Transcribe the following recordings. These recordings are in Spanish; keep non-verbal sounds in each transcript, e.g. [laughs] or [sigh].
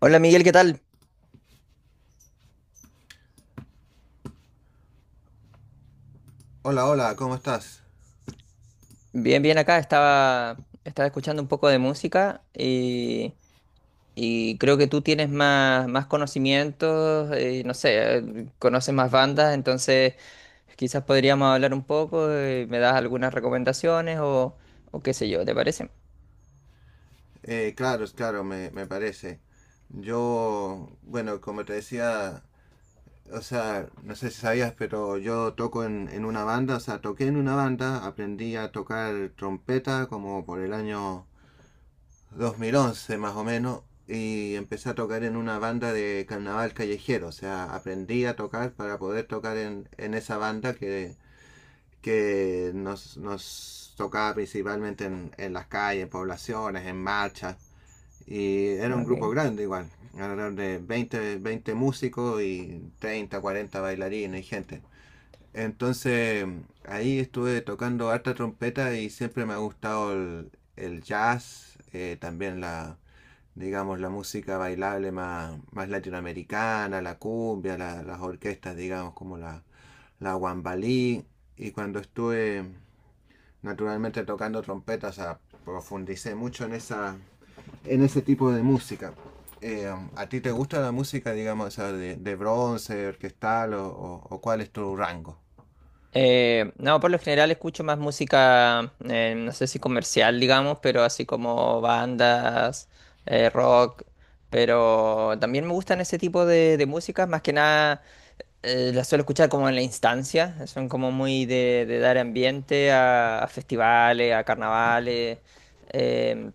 Hola Miguel, ¿qué tal? Hola, hola, ¿cómo estás? Bien, bien acá. Estaba escuchando un poco de música y creo que tú tienes más, más conocimientos, no sé, conoces más bandas, entonces quizás podríamos hablar un poco, me das algunas recomendaciones o qué sé yo, ¿te parece? Claro, claro, me parece. Yo, bueno, como te decía, o sea, no sé si sabías, pero yo toco en una banda, o sea, toqué en una banda, aprendí a tocar trompeta como por el año 2011 más o menos, y empecé a tocar en una banda de carnaval callejero, o sea, aprendí a tocar para poder tocar en esa banda que nos tocaba principalmente en las calles, en poblaciones, en marchas. Y era un grupo Ok. grande igual, alrededor de veinte músicos y 30 40 bailarines y gente. Entonces ahí estuve tocando harta trompeta y siempre me ha gustado el jazz, también digamos, la música bailable más latinoamericana, la cumbia, las orquestas, digamos, como la guambalí. Y cuando estuve naturalmente tocando trompeta trompetas, profundicé mucho en ese tipo de música. ¿A ti te gusta la música, digamos, de bronce, orquestal o o- cuál es tu rango? No, por lo general escucho más música, no sé si comercial, digamos, pero así como bandas, rock, pero también me gustan ese tipo de músicas, más que nada las suelo escuchar como en la instancia, son como muy de dar ambiente a festivales, a carnavales. em,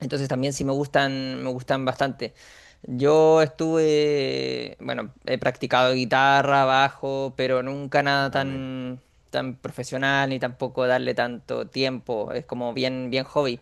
entonces también sí me gustan bastante. Yo estuve, bueno, he practicado guitarra, bajo, pero nunca nada Ah, mira. tan, tan profesional ni tampoco darle tanto tiempo. Es como bien, bien hobby.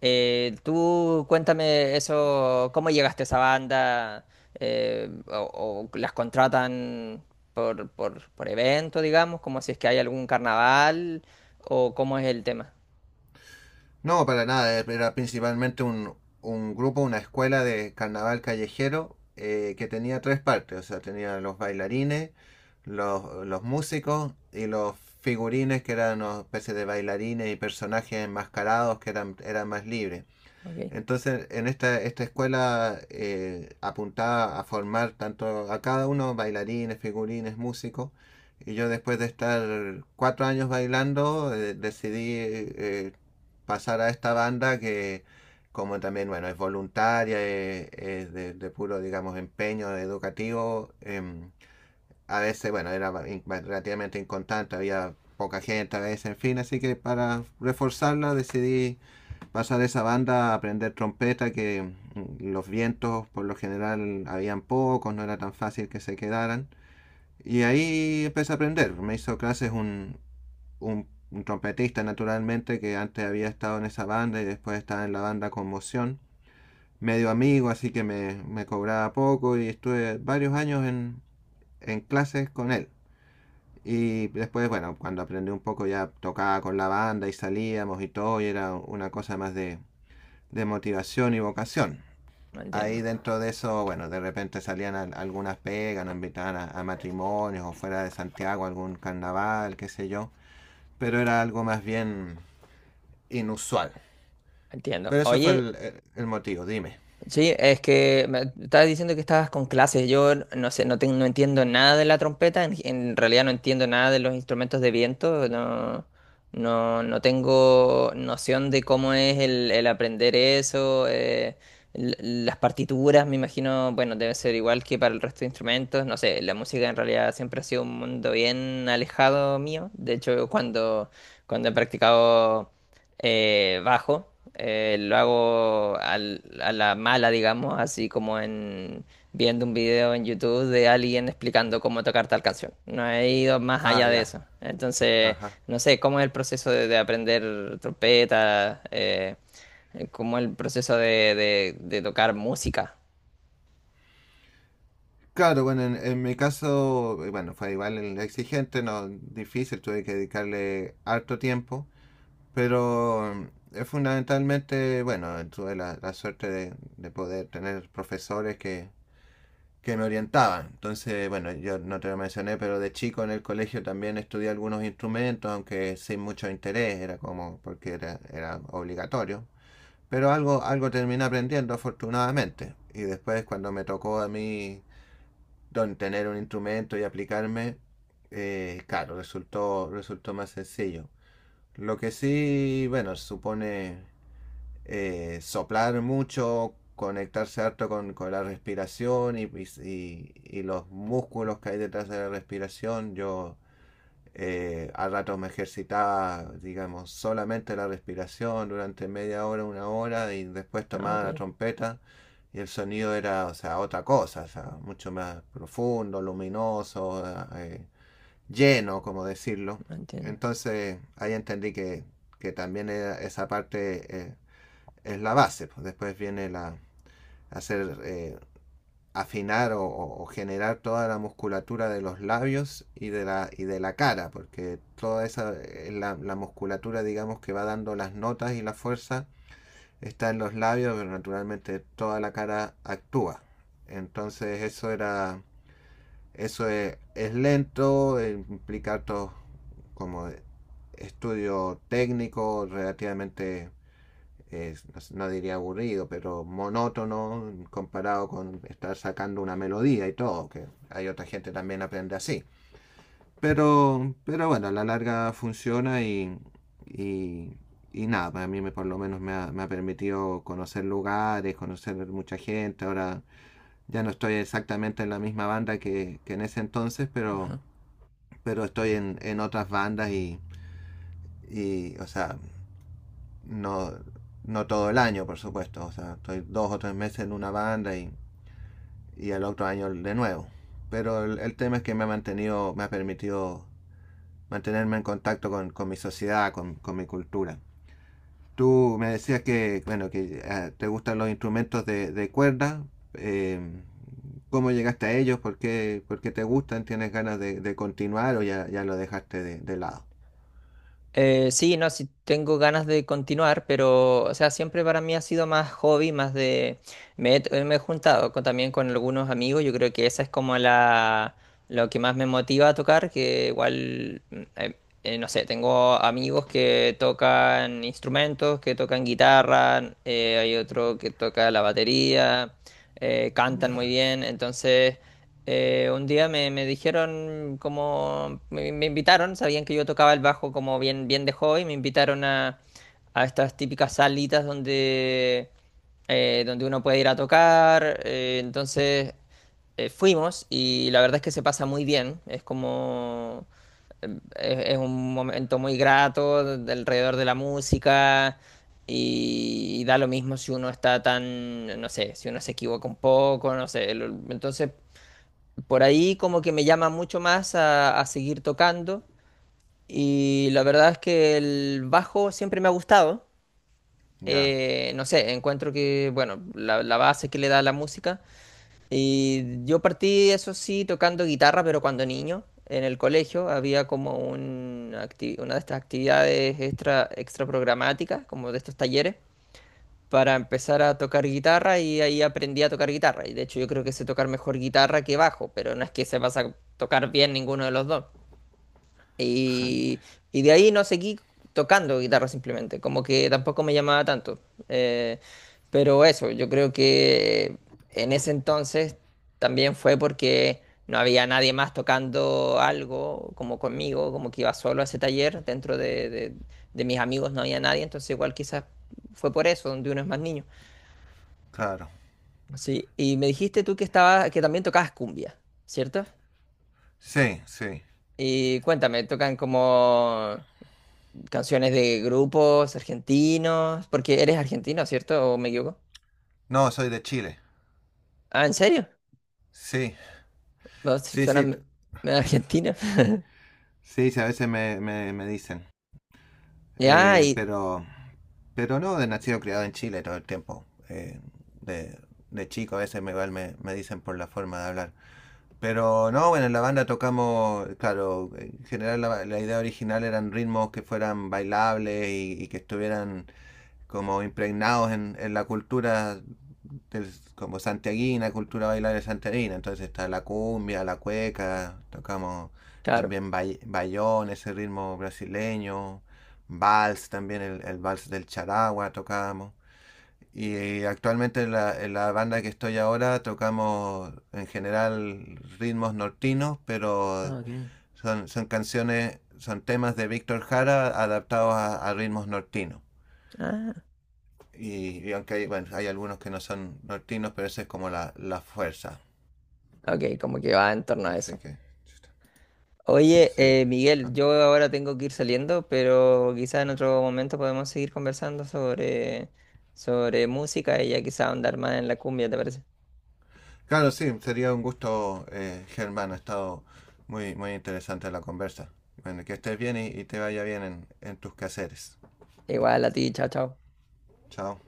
Tú cuéntame eso, ¿cómo llegaste a esa banda? O, o las contratan por evento, digamos, como si es que hay algún carnaval, o cómo es el tema. No, para nada, era principalmente un grupo, una escuela de carnaval callejero que tenía tres partes, o sea, tenía los bailarines, los músicos y los figurines que eran una especie de bailarines y personajes enmascarados eran más libres. Ok, Entonces, en esta escuela apuntaba a formar tanto a cada uno, bailarines, figurines, músicos. Y yo después de estar 4 años bailando, decidí pasar a esta banda que como también, bueno, es voluntaria, es de puro, digamos, empeño educativo. A veces, bueno, era relativamente inconstante, había poca gente a veces, en fin, así que para reforzarla decidí pasa de esa banda a aprender trompeta, que los vientos por lo general habían pocos, no era tan fácil que se quedaran. Y ahí empecé a aprender. Me hizo clases un trompetista, naturalmente, que antes había estado en esa banda y después estaba en la banda Conmoción. Medio amigo, así que me cobraba poco y estuve varios años en clases con él. Y después, bueno, cuando aprendí un poco ya tocaba con la banda y salíamos y todo, y era una cosa más de motivación y vocación. no Ahí entiendo, dentro de eso, bueno, de repente salían algunas pegas, nos invitaban a matrimonios o fuera de Santiago algún carnaval, qué sé yo. Pero era algo más bien inusual. entiendo. Pero eso fue Oye, el motivo, dime. sí, es que me estabas diciendo que estabas con clases. Yo no sé, no, no entiendo nada de la trompeta. En realidad no entiendo nada de los instrumentos de viento. No, no, no tengo noción de cómo es el aprender eso. Las partituras, me imagino, bueno, debe ser igual que para el resto de instrumentos. No sé, la música en realidad siempre ha sido un mundo bien alejado mío. De hecho, cuando, cuando he practicado bajo. Lo hago a la mala, digamos, así como en viendo un video en YouTube de alguien explicando cómo tocar tal canción. No he ido más Ah, allá de ya. eso. Entonces, Ajá. no sé, cómo es el proceso de aprender trompeta, cómo es el proceso de, de tocar música. Claro, bueno, en mi caso, bueno, fue igual el exigente, no difícil, tuve que dedicarle harto tiempo, pero fundamentalmente, bueno, tuve la suerte de poder tener profesores que me orientaban. Entonces, bueno, yo no te lo mencioné, pero de chico en el colegio también estudié algunos instrumentos, aunque sin mucho interés, era como porque era obligatorio. Pero algo terminé aprendiendo afortunadamente. Y después cuando me tocó a mí tener un instrumento y aplicarme, claro, resultó más sencillo. Lo que sí, bueno, supone soplar mucho, conectarse harto con la respiración y los músculos que hay detrás de la respiración. Yo a ratos me ejercitaba, digamos, solamente la respiración durante media hora, una hora y después tomaba Ok, la trompeta y el sonido era, o sea, otra cosa, o sea, mucho más profundo, luminoso, eh, lleno, como decirlo. no entiendo. Entonces ahí entendí que también esa parte es la base, pues. Después viene la hacer, afinar o generar toda la musculatura de los labios y de y de la cara, porque toda esa la musculatura, digamos, que va dando las notas y la fuerza está en los labios, pero naturalmente toda la cara actúa. Entonces eso es lento, implica harto como estudio técnico relativamente, eh, no diría aburrido, pero monótono comparado con estar sacando una melodía y todo, que hay otra gente también aprende así. Pero bueno, a la larga funciona y, y nada, por lo menos me ha permitido conocer lugares, conocer mucha gente. Ahora ya no estoy exactamente en la misma banda que en ese entonces, pero estoy en otras bandas o sea, no, no todo el año, por supuesto. O sea, estoy 2 o 3 meses en una banda y al otro año de nuevo. Pero tema es que me ha mantenido, me ha permitido mantenerme en contacto con mi sociedad, mi cultura. Tú me decías que, bueno, que te gustan los instrumentos de cuerda. Eh, ¿Cómo llegaste a ellos? Por qué te gustan? ¿Tienes ganas de continuar o ya lo dejaste de lado? Sí, no, sí tengo ganas de continuar, pero, o sea, siempre para mí ha sido más hobby, más de... Me he juntado también con algunos amigos, yo creo que esa es como la... lo que más me motiva a tocar, que igual, mm, no sé, tengo amigos que tocan instrumentos, que tocan guitarra, hay otro que toca la batería, cantan muy Ya, bien, entonces... Un día me dijeron como me invitaron, sabían que yo tocaba el bajo como bien, bien de hobby, me invitaron a estas típicas salitas donde, donde uno puede ir a tocar. Entonces fuimos y la verdad es que se pasa muy bien. Es como es un momento muy grato alrededor de la música y, da lo mismo si uno está tan, no sé, si uno se equivoca un poco, no sé. Entonces por ahí como que me llama mucho más a seguir tocando y la verdad es que el bajo siempre me ha gustado. ya. No sé, encuentro que, bueno, la base que le da la música. Y yo partí, eso sí, tocando guitarra, pero cuando niño, en el colegio, había como un una de estas actividades extra, extra programáticas, como de estos talleres para empezar a tocar guitarra y ahí aprendí a tocar guitarra. Y de hecho yo creo que sé tocar mejor guitarra que bajo, pero no es que sepas a tocar bien ninguno de los dos. Y, [laughs] y de ahí no seguí tocando guitarra simplemente, como que tampoco me llamaba tanto. Eh, pero eso, yo creo que en ese entonces también fue porque no había nadie más tocando algo como conmigo, como que iba solo a ese taller, dentro de, de mis amigos no había nadie, entonces igual quizás fue por eso, donde uno es más niño. Claro. Sí, y me dijiste tú que estaba, que también tocabas cumbia, ¿cierto? Sí, sí. Y cuéntame, ¿tocan como canciones de grupos argentinos? Porque eres argentino, ¿cierto? ¿O me equivoco? No, soy de Chile. Ah, ¿en serio? Sí, No, sí, suena sí. Medio argentino. [laughs] Sí, sí, a veces me dicen. Ya, Eh, y pero, pero no, de nacido criado en Chile todo el tiempo. De, de chico a veces igual me dicen por la forma de hablar. Pero no, bueno, en la banda tocamos, claro, en general la idea original eran ritmos que fueran bailables y que estuvieran como impregnados en la cultura como santiaguina, cultura bailar santiaguina. Entonces está la cumbia, la cueca, tocamos claro. también bayón, ese ritmo brasileño, vals también, el vals del charagua tocamos. Y actualmente en la banda que estoy ahora tocamos en general ritmos nortinos, pero Ah, ok. Son canciones, son temas de Víctor Jara adaptados a ritmos nortinos. Ah, Y aunque hay, bueno, hay algunos que no son nortinos, pero esa es como la fuerza. ok, como que va en torno a Así eso. que, Oye, sí. Miguel, yo ahora tengo que ir saliendo, pero quizá en otro momento podemos seguir conversando sobre, sobre música y ya quizá andar más en la cumbia, ¿te parece? Claro, sí, sería un gusto, Germán. Ha estado muy, muy interesante la conversa. Bueno, que estés bien y te vaya bien en tus quehaceres. Igual a ti, chao, chao. Chao.